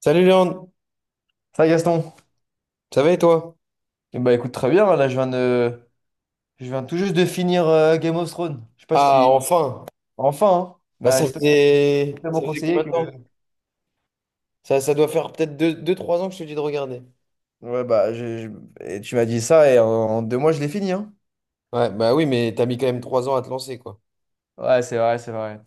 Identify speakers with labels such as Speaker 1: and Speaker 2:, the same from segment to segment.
Speaker 1: Salut Léon,
Speaker 2: Ça, Gaston?
Speaker 1: ça va et toi?
Speaker 2: Eh ben, écoute, très bien. Là, je viens tout juste de finir Game of Thrones. Je sais pas
Speaker 1: Ah,
Speaker 2: si.
Speaker 1: enfin!
Speaker 2: Enfin, hein.
Speaker 1: Bah,
Speaker 2: Bah, c'est toi qui m'as tellement
Speaker 1: ça faisait combien
Speaker 2: conseillé
Speaker 1: de
Speaker 2: que.
Speaker 1: temps? Ça doit faire peut-être deux trois ans que je te dis de regarder.
Speaker 2: Ouais, bah, et tu m'as dit ça et en 2 mois, je l'ai fini, hein.
Speaker 1: Ouais, bah oui, mais t'as mis quand même 3 ans à te lancer, quoi.
Speaker 2: Ouais, c'est vrai, c'est vrai.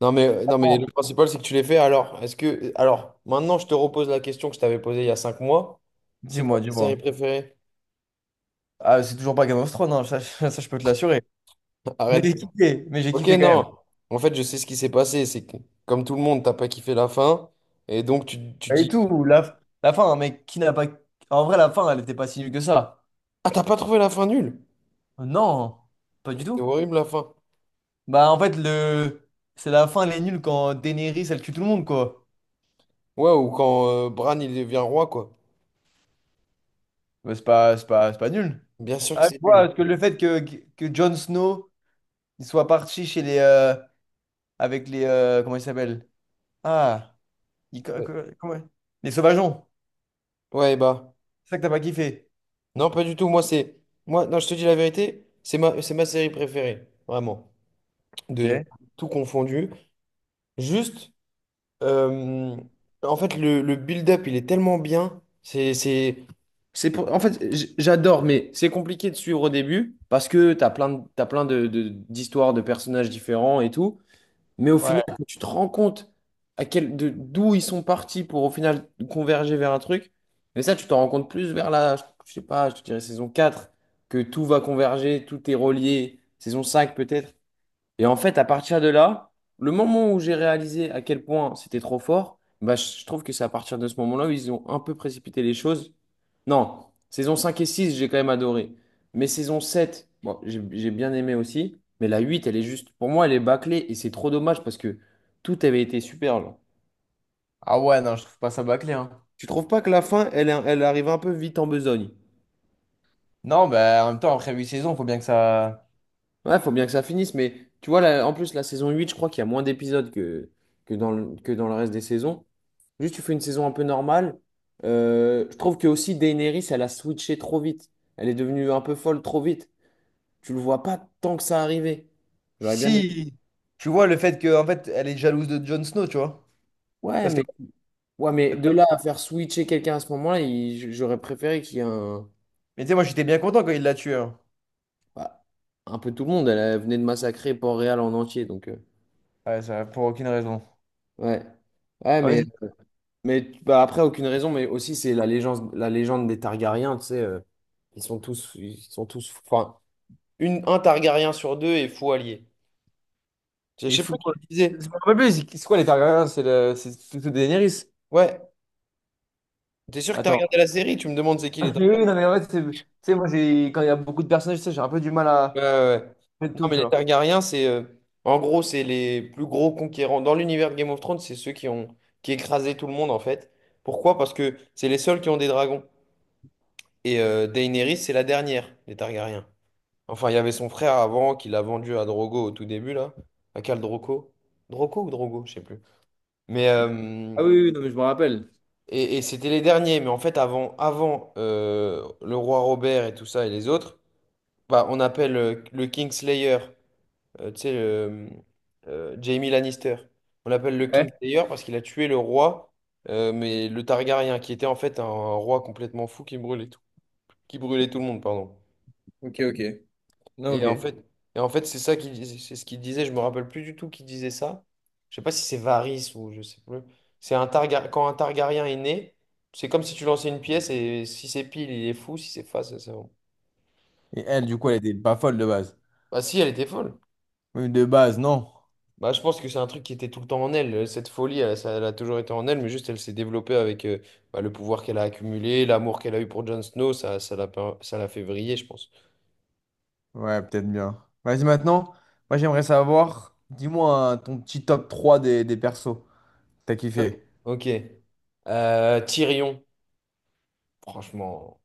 Speaker 1: Non, mais, non, mais le
Speaker 2: Oh,
Speaker 1: principal, c'est que tu l'as fait. Alors, maintenant, je te repose la question que je t'avais posée il y a 5 mois. C'est quoi
Speaker 2: dis-moi,
Speaker 1: ta
Speaker 2: dis-moi.
Speaker 1: série préférée?
Speaker 2: Ah, c'est toujours pas Game of Thrones, hein, ça, ça, je peux te l'assurer.
Speaker 1: Arrête.
Speaker 2: Mais j'ai
Speaker 1: Ok,
Speaker 2: kiffé quand même.
Speaker 1: non. En fait, je sais ce qui s'est passé. C'est que, comme tout le monde, t'as pas kiffé la fin. Et donc, tu
Speaker 2: Pas du
Speaker 1: dis...
Speaker 2: tout. La fin, hein, mec, qui n'a pas. En vrai, la fin, elle était pas si nulle que ça.
Speaker 1: Ah, t'as pas trouvé la fin nulle?
Speaker 2: Non, pas du
Speaker 1: C'était
Speaker 2: tout.
Speaker 1: horrible, la fin.
Speaker 2: Bah en fait, le c'est la fin, elle est nulle quand Daenerys elle tue tout le monde, quoi.
Speaker 1: Ouais, ou quand Bran, il devient roi, quoi.
Speaker 2: Mais c'est pas nul.
Speaker 1: Bien sûr que
Speaker 2: Ah, je
Speaker 1: c'est
Speaker 2: vois,
Speaker 1: lui.
Speaker 2: parce que le fait que Jon Snow il soit parti chez les avec les comment il s'appelle? Ah, il- co-
Speaker 1: Ouais,
Speaker 2: co- comment- les sauvageons.
Speaker 1: ouais, bah.
Speaker 2: C'est ça que t'as pas kiffé.
Speaker 1: Non, pas du tout. Moi, c'est. Moi, non, je te dis la vérité, c'est ma série préférée. Vraiment. De
Speaker 2: Ok.
Speaker 1: tout confondu. Juste. Euh, En fait, le build-up, il est tellement bien. En fait, j'adore, mais c'est compliqué de suivre au début parce que t'as plein de- d'histoires, de personnages différents et tout. Mais au final,
Speaker 2: Ouais.
Speaker 1: quand tu te rends compte d'où ils sont partis pour au final converger vers un truc, mais ça, tu t'en rends compte plus je sais pas, je te dirais saison 4 que tout va converger, tout est relié, saison 5 peut-être. Et en fait, à partir de là, le moment où j'ai réalisé à quel point c'était trop fort, bah, je trouve que c'est à partir de ce moment-là où ils ont un peu précipité les choses. Non, saison 5 et 6, j'ai quand même adoré. Mais saison 7, bon, j'ai bien aimé aussi. Mais la 8, elle est juste, pour moi, elle est bâclée et c'est trop dommage parce que tout avait été super, là.
Speaker 2: Ah ouais, non, je trouve pas ça bâclé, hein.
Speaker 1: Tu trouves pas que la fin, elle, elle arrive un peu vite en besogne?
Speaker 2: Non, bah en même temps après 8 saisons, faut bien que ça.
Speaker 1: Ouais, faut bien que ça finisse, mais tu vois, là, en plus, la saison 8 je crois qu'il y a moins d'épisodes que dans le reste des saisons. Juste, tu fais une saison un peu normale. Je trouve que aussi Daenerys, elle a switché trop vite. Elle est devenue un peu folle trop vite. Tu le vois pas tant que ça arrivait. J'aurais bien aimé.
Speaker 2: Si tu vois le fait que en fait elle est jalouse de Jon Snow, tu vois.
Speaker 1: Ouais,
Speaker 2: Parce que
Speaker 1: mais, ouais, mais de là à faire switcher quelqu'un à ce moment-là, j'aurais préféré qu'il y ait un,
Speaker 2: Mais tu sais, moi j'étais bien content quand il l'a tué, hein.
Speaker 1: bah, un peu tout le monde. Elle, elle venait de massacrer Port-Réal en entier, donc
Speaker 2: Ouais, ça, pour aucune raison.
Speaker 1: ouais. Ouais,
Speaker 2: Ah oui.
Speaker 1: mais après, aucune raison, mais aussi c'est la légende des Targaryens, tu sais, ils sont tous, enfin, un Targaryen sur deux est faux allié. Je
Speaker 2: Il
Speaker 1: sais
Speaker 2: fout
Speaker 1: pas qui
Speaker 2: quoi?
Speaker 1: le disait.
Speaker 2: Je me rappelle plus, c'est quoi les Targaryens? C'est plutôt Daenerys.
Speaker 1: Ouais, t'es sûr que t'as
Speaker 2: Attends.
Speaker 1: regardé la série, tu me demandes c'est qui les
Speaker 2: Mais
Speaker 1: Targaryens.
Speaker 2: oui, non, mais en fait, tu sais, moi, quand il y a beaucoup de personnages, tu sais, j'ai un peu du mal
Speaker 1: Ouais,
Speaker 2: à
Speaker 1: ouais, ouais.
Speaker 2: mettre
Speaker 1: Non,
Speaker 2: tout,
Speaker 1: mais
Speaker 2: tu
Speaker 1: les
Speaker 2: vois.
Speaker 1: Targaryens, en gros, c'est les plus gros conquérants. Dans l'univers de Game of Thrones, c'est ceux qui ont, qui écrasaient tout le monde, en fait. Pourquoi? Parce que c'est les seuls qui ont des dragons. Et Daenerys, c'est la dernière des Targaryens. Enfin, il y avait son frère avant qui l'a vendu à Drogo au tout début, là. À Khal Drogo? Drogo ou Drogo, je sais plus. Mais,
Speaker 2: Je sais-
Speaker 1: euh,
Speaker 2: Ah oui, oui, non, mais je me rappelle.
Speaker 1: et c'était les derniers. Mais en fait, avant le roi Robert et tout ça et les autres, bah, on appelle le Kingslayer, tu sais, Jaime Lannister. On l'appelle le
Speaker 2: Ouais.
Speaker 1: Kingslayer parce qu'il a tué le roi, mais le Targaryen, qui était en fait un roi complètement fou qui brûlait tout le monde, pardon.
Speaker 2: Ok, ok. Non, ok.
Speaker 1: Et en
Speaker 2: Et
Speaker 1: fait, et en fait, c'est ce qu'il disait, je me rappelle plus du tout qui disait ça. Je sais pas si c'est Varys ou je sais plus. Quand un Targaryen est né, c'est comme si tu lançais une pièce et si c'est pile, il est fou, si c'est face, c'est bon.
Speaker 2: elle, du coup, elle était pas folle de base.
Speaker 1: Bah si, elle était folle.
Speaker 2: Oui, de base, non.
Speaker 1: Bah je pense que c'est un truc qui était tout le temps en elle, cette folie, elle, ça, elle a toujours été en elle, mais juste elle s'est développée avec bah, le pouvoir qu'elle a accumulé, l'amour qu'elle a eu pour Jon Snow, ça, ça l'a fait vriller, je pense.
Speaker 2: Ouais, peut-être bien. Vas-y, maintenant, moi, j'aimerais savoir, dis-moi, hein, ton petit top 3 des persos. T'as kiffé.
Speaker 1: Ok. Tyrion, franchement,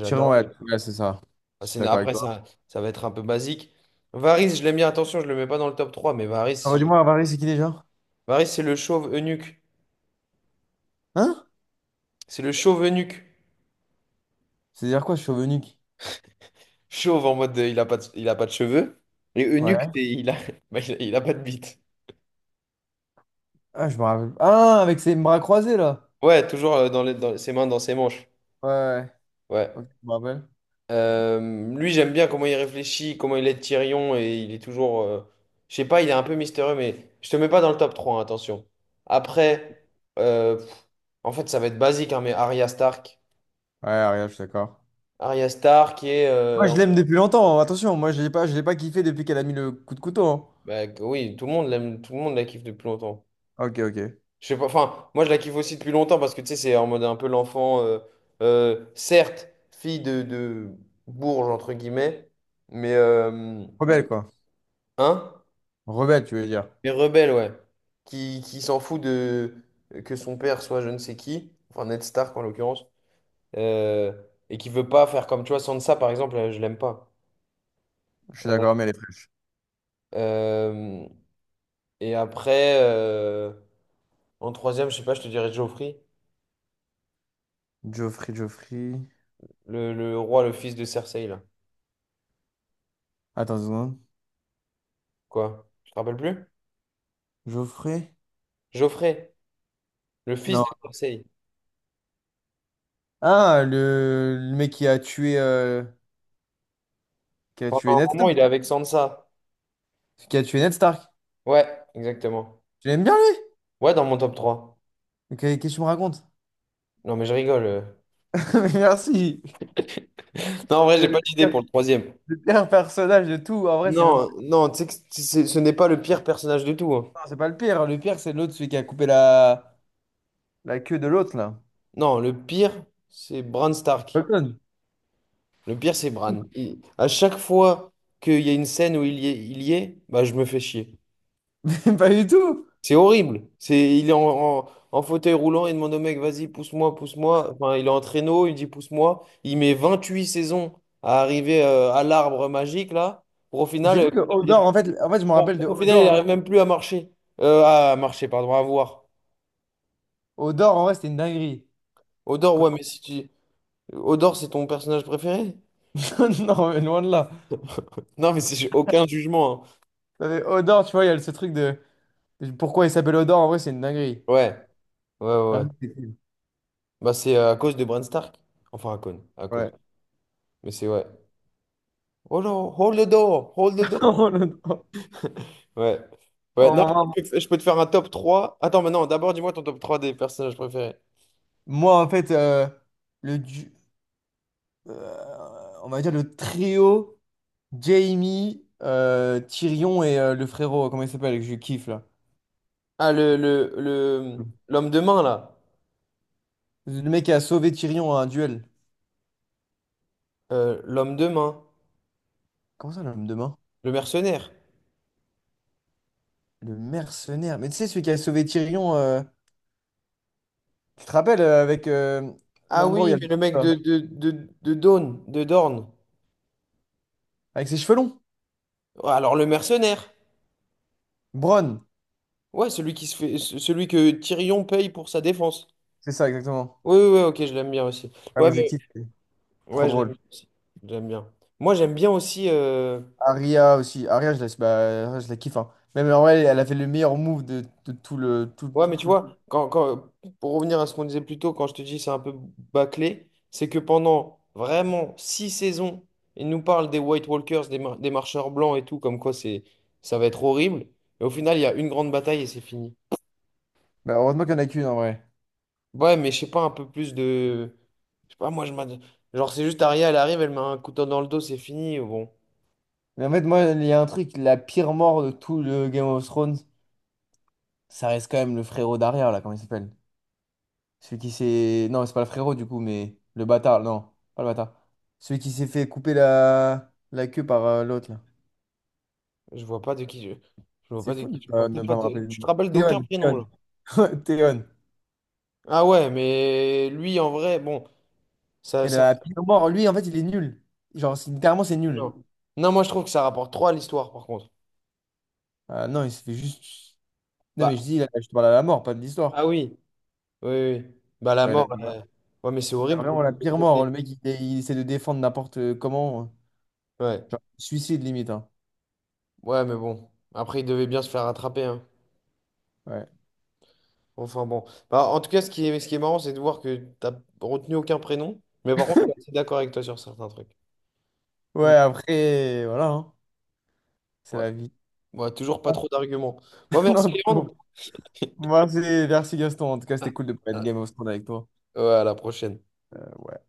Speaker 2: Tyrion, ouais, ouais, c'est ça.
Speaker 1: Ah,
Speaker 2: Je suis d'accord avec
Speaker 1: après,
Speaker 2: toi.
Speaker 1: ça va être un peu basique. Varys, je l'aime bien. Attention, je le mets pas dans le top 3 mais
Speaker 2: Ah,
Speaker 1: Varys,
Speaker 2: bah, dis-moi, Varys, c'est qui déjà?
Speaker 1: Varys c'est le chauve eunuque.
Speaker 2: Hein?
Speaker 1: C'est le chauve eunuque.
Speaker 2: C'est-à-dire quoi, chauve-nuque?
Speaker 1: Chauve en mode il a pas de cheveux. Et eunuque,
Speaker 2: Ouais.
Speaker 1: bah, il a pas de bite.
Speaker 2: Ah, je me rappelle. Ah, avec ses bras croisés, là.
Speaker 1: Ouais, toujours dans ses mains, dans ses manches.
Speaker 2: Ouais, ouais.
Speaker 1: Ouais.
Speaker 2: Ok, je me rappelle.
Speaker 1: Lui, j'aime bien comment il réfléchit, comment il aide Tyrion. Et il est toujours. Je sais pas, il est un peu mystérieux, mais je te mets pas dans le top 3 hein, attention. Après, euh, pff, en fait, ça va être basique, hein, mais Arya Stark.
Speaker 2: Ouais, regarde, je suis d'accord.
Speaker 1: Arya Star qui est
Speaker 2: Moi, je l'aime depuis longtemps, hein. Attention, moi, je l'ai pas kiffé depuis qu'elle a mis le coup de couteau.
Speaker 1: Bah, oui, tout le monde l'aime, tout le monde la kiffe depuis longtemps,
Speaker 2: Hein. Ok, ok.
Speaker 1: je sais pas, enfin moi je la kiffe aussi depuis longtemps parce que tu sais c'est en mode un peu l'enfant, certes fille de bourge entre guillemets mais euh,
Speaker 2: Rebelle, quoi.
Speaker 1: hein,
Speaker 2: Rebelle, tu veux dire.
Speaker 1: mais rebelle, ouais, qui s'en fout de que son père soit je ne sais qui, enfin Ned Stark en l'occurrence, euh, et qui veut pas faire comme tu vois Sansa par exemple, je l'aime pas.
Speaker 2: Je suis
Speaker 1: Euh,
Speaker 2: d'accord, mais elle est fraîche.
Speaker 1: euh, et après En troisième, je sais pas, je te dirais Geoffrey,
Speaker 2: Geoffrey, Geoffrey.
Speaker 1: le roi, le fils de Cersei, là.
Speaker 2: Attends une seconde.
Speaker 1: Quoi? Tu te rappelles plus?
Speaker 2: Geoffrey?
Speaker 1: Geoffrey, le fils
Speaker 2: Non.
Speaker 1: de Cersei.
Speaker 2: Ah, le mec qui a tué
Speaker 1: Pendant un
Speaker 2: Ned
Speaker 1: moment, il est
Speaker 2: Stark.
Speaker 1: avec Sansa.
Speaker 2: Qui a tué Ned Stark.
Speaker 1: Ouais, exactement.
Speaker 2: Tu l'aimes bien, lui?
Speaker 1: Ouais, dans mon top 3.
Speaker 2: Ok, qu'est-ce que tu me racontes?
Speaker 1: Non, mais je rigole.
Speaker 2: Merci.
Speaker 1: Non, en vrai, j'ai pas d'idée pour le troisième.
Speaker 2: Le pire personnage de tout, en vrai, c'est même pas,
Speaker 1: Non, non, tu sais que ce n'est pas le pire personnage de tout. Hein.
Speaker 2: non, c'est pas le pire. Le pire, c'est l'autre, celui qui a coupé la queue de l'autre, là.
Speaker 1: Non, le pire, c'est Bran Stark.
Speaker 2: Colton.
Speaker 1: Le pire, c'est Bran. À chaque fois qu'il y a une scène où il y est, bah, je me fais chier.
Speaker 2: Mais pas du tout.
Speaker 1: C'est horrible. Il est en, en fauteuil roulant, il demande au mec, vas-y, pousse-moi, pousse-moi. Enfin, il est en traîneau, il dit, pousse-moi. Il met 28 saisons à arriver à l'arbre magique, là, pour au final,
Speaker 2: C'est
Speaker 1: euh,
Speaker 2: fou que
Speaker 1: qu'il devienne-
Speaker 2: Odor, en fait, je me rappelle de
Speaker 1: pour au final, il
Speaker 2: Odor. En fait,
Speaker 1: n'arrive même plus à marcher. À marcher, pardon, à voir.
Speaker 2: Odor, en vrai, c'était une dinguerie.
Speaker 1: Odor, ouais,
Speaker 2: Colton,
Speaker 1: mais si tu... Odor, c'est ton personnage préféré?
Speaker 2: non, mais loin de là.
Speaker 1: Non, mais c'est j'ai aucun jugement. Hein.
Speaker 2: Non, mais Odor, tu vois, il y a ce truc de pourquoi il s'appelle Odor, en vrai, c'est une dinguerie.
Speaker 1: Ouais, ouais, ouais.
Speaker 2: Hein,
Speaker 1: Ouais.
Speaker 2: c'est fou.
Speaker 1: Bah, c'est à cause de Bran Stark. Enfin, à cause. À
Speaker 2: Ouais.
Speaker 1: cause. Mais c'est ouais. Oh non, hold the door, hold the door.
Speaker 2: Oh,
Speaker 1: Ouais. Ouais,
Speaker 2: oh,
Speaker 1: non,
Speaker 2: maman.
Speaker 1: je peux te faire un top trois. Attends, mais non, d'abord, dis-moi ton top 3 des personnages préférés.
Speaker 2: Moi, en fait, le, du- on va dire le trio. Jamie, Tyrion et le frérot, comment il s'appelle, que je kiffe là.
Speaker 1: Ah, l'homme de main, là.
Speaker 2: Le mec qui a sauvé Tyrion à un duel.
Speaker 1: L'homme de main.
Speaker 2: Comment ça, l'homme de main?
Speaker 1: Le mercenaire.
Speaker 2: Le mercenaire. Mais tu sais, celui qui a sauvé Tyrion, tu te rappelles, avec
Speaker 1: Ah
Speaker 2: l'endroit où il y
Speaker 1: oui,
Speaker 2: a le...
Speaker 1: mais le mec
Speaker 2: là.
Speaker 1: de Dorne.
Speaker 2: Avec ses cheveux longs.
Speaker 1: Ouais, alors, le mercenaire.
Speaker 2: Bronn,
Speaker 1: Ouais, celui qui se fait, ce- celui que Tyrion paye pour sa défense.
Speaker 2: c'est ça exactement.
Speaker 1: Oui, oui, oui, ok, je l'aime bien aussi.
Speaker 2: Ah,
Speaker 1: Ouais,
Speaker 2: mais je le
Speaker 1: mais,
Speaker 2: kiffe, c'est trop
Speaker 1: ouais, je l'aime
Speaker 2: drôle.
Speaker 1: bien aussi. J'aime bien. Moi, j'aime bien aussi.
Speaker 2: Arya aussi. Arya, je la kiffe, hein. Même en vrai, elle a fait le meilleur move de tout le...
Speaker 1: Ouais, mais tu vois, quand, pour revenir à ce qu'on disait plus tôt, quand je te dis c'est un peu bâclé, c'est que pendant vraiment 6 saisons, ils nous parlent des White Walkers, des marcheurs blancs et tout, comme quoi ça va être horrible. Et au final, il y a une grande bataille et c'est fini.
Speaker 2: Bah, heureusement qu'il n'y en a qu'une en vrai.
Speaker 1: Ouais, mais je sais pas, un peu plus de... je sais pas, moi, genre, c'est juste Arya, elle arrive, elle met un couteau dans le dos, c'est fini. Bon,
Speaker 2: Mais en fait, moi, il y a un truc, la pire mort de tout le Game of Thrones. Ça reste quand même le frérot d'arrière, là, comment il s'appelle? Celui qui s'est. Non, c'est pas le frérot du coup, mais le bâtard, non, pas le bâtard. Celui qui s'est fait couper la queue par l'autre, là.
Speaker 1: je vois pas de qui je... je vois
Speaker 2: C'est
Speaker 1: pas de
Speaker 2: fou
Speaker 1: qui
Speaker 2: de
Speaker 1: tu parles.
Speaker 2: pas,
Speaker 1: T'as
Speaker 2: ne
Speaker 1: pas
Speaker 2: pas me
Speaker 1: de-
Speaker 2: rappeler.
Speaker 1: Tu te rappelles d'aucun
Speaker 2: Théon,
Speaker 1: prénom, là.
Speaker 2: Théon. Théon.
Speaker 1: Ah ouais, mais lui, en vrai, bon, ça,
Speaker 2: Et
Speaker 1: ça...
Speaker 2: la pile au mort, lui, en fait, il est nul. Genre, littéralement, c'est nul.
Speaker 1: Non. Non, moi je trouve que ça rapporte trop à l'histoire par contre.
Speaker 2: Ah, non, il se fait juste. Non,
Speaker 1: Bah,
Speaker 2: mais je dis, là, je te parle à la mort, pas de
Speaker 1: ah
Speaker 2: l'histoire.
Speaker 1: oui, oui, oui. Bah la
Speaker 2: Genre,
Speaker 1: mort,
Speaker 2: il
Speaker 1: ouais, mais c'est
Speaker 2: a
Speaker 1: horrible qu'on
Speaker 2: vraiment la
Speaker 1: ait
Speaker 2: pire mort.
Speaker 1: traité.
Speaker 2: Le mec, il essaie de défendre n'importe comment.
Speaker 1: Ouais,
Speaker 2: Genre, suicide limite, hein.
Speaker 1: ouais, mais bon. Après, il devait bien se faire rattraper, hein.
Speaker 2: Ouais.
Speaker 1: Enfin bon. Bah, en tout cas, ce qui est marrant, c'est de voir que t'as retenu aucun prénom. Mais par contre, je suis assez d'accord avec toi sur certains trucs. Mm.
Speaker 2: Ouais, après, voilà, hein. C'est
Speaker 1: Ouais.
Speaker 2: la vie.
Speaker 1: Ouais, toujours pas trop d'arguments. Bon, merci
Speaker 2: Non,
Speaker 1: Léandre.
Speaker 2: non. Moi, c'est merci Gaston. En tout cas,
Speaker 1: Ah,
Speaker 2: c'était cool de pouvoir être
Speaker 1: ah.
Speaker 2: Game of Thrones avec toi.
Speaker 1: Ouais, à la prochaine.
Speaker 2: Ouais.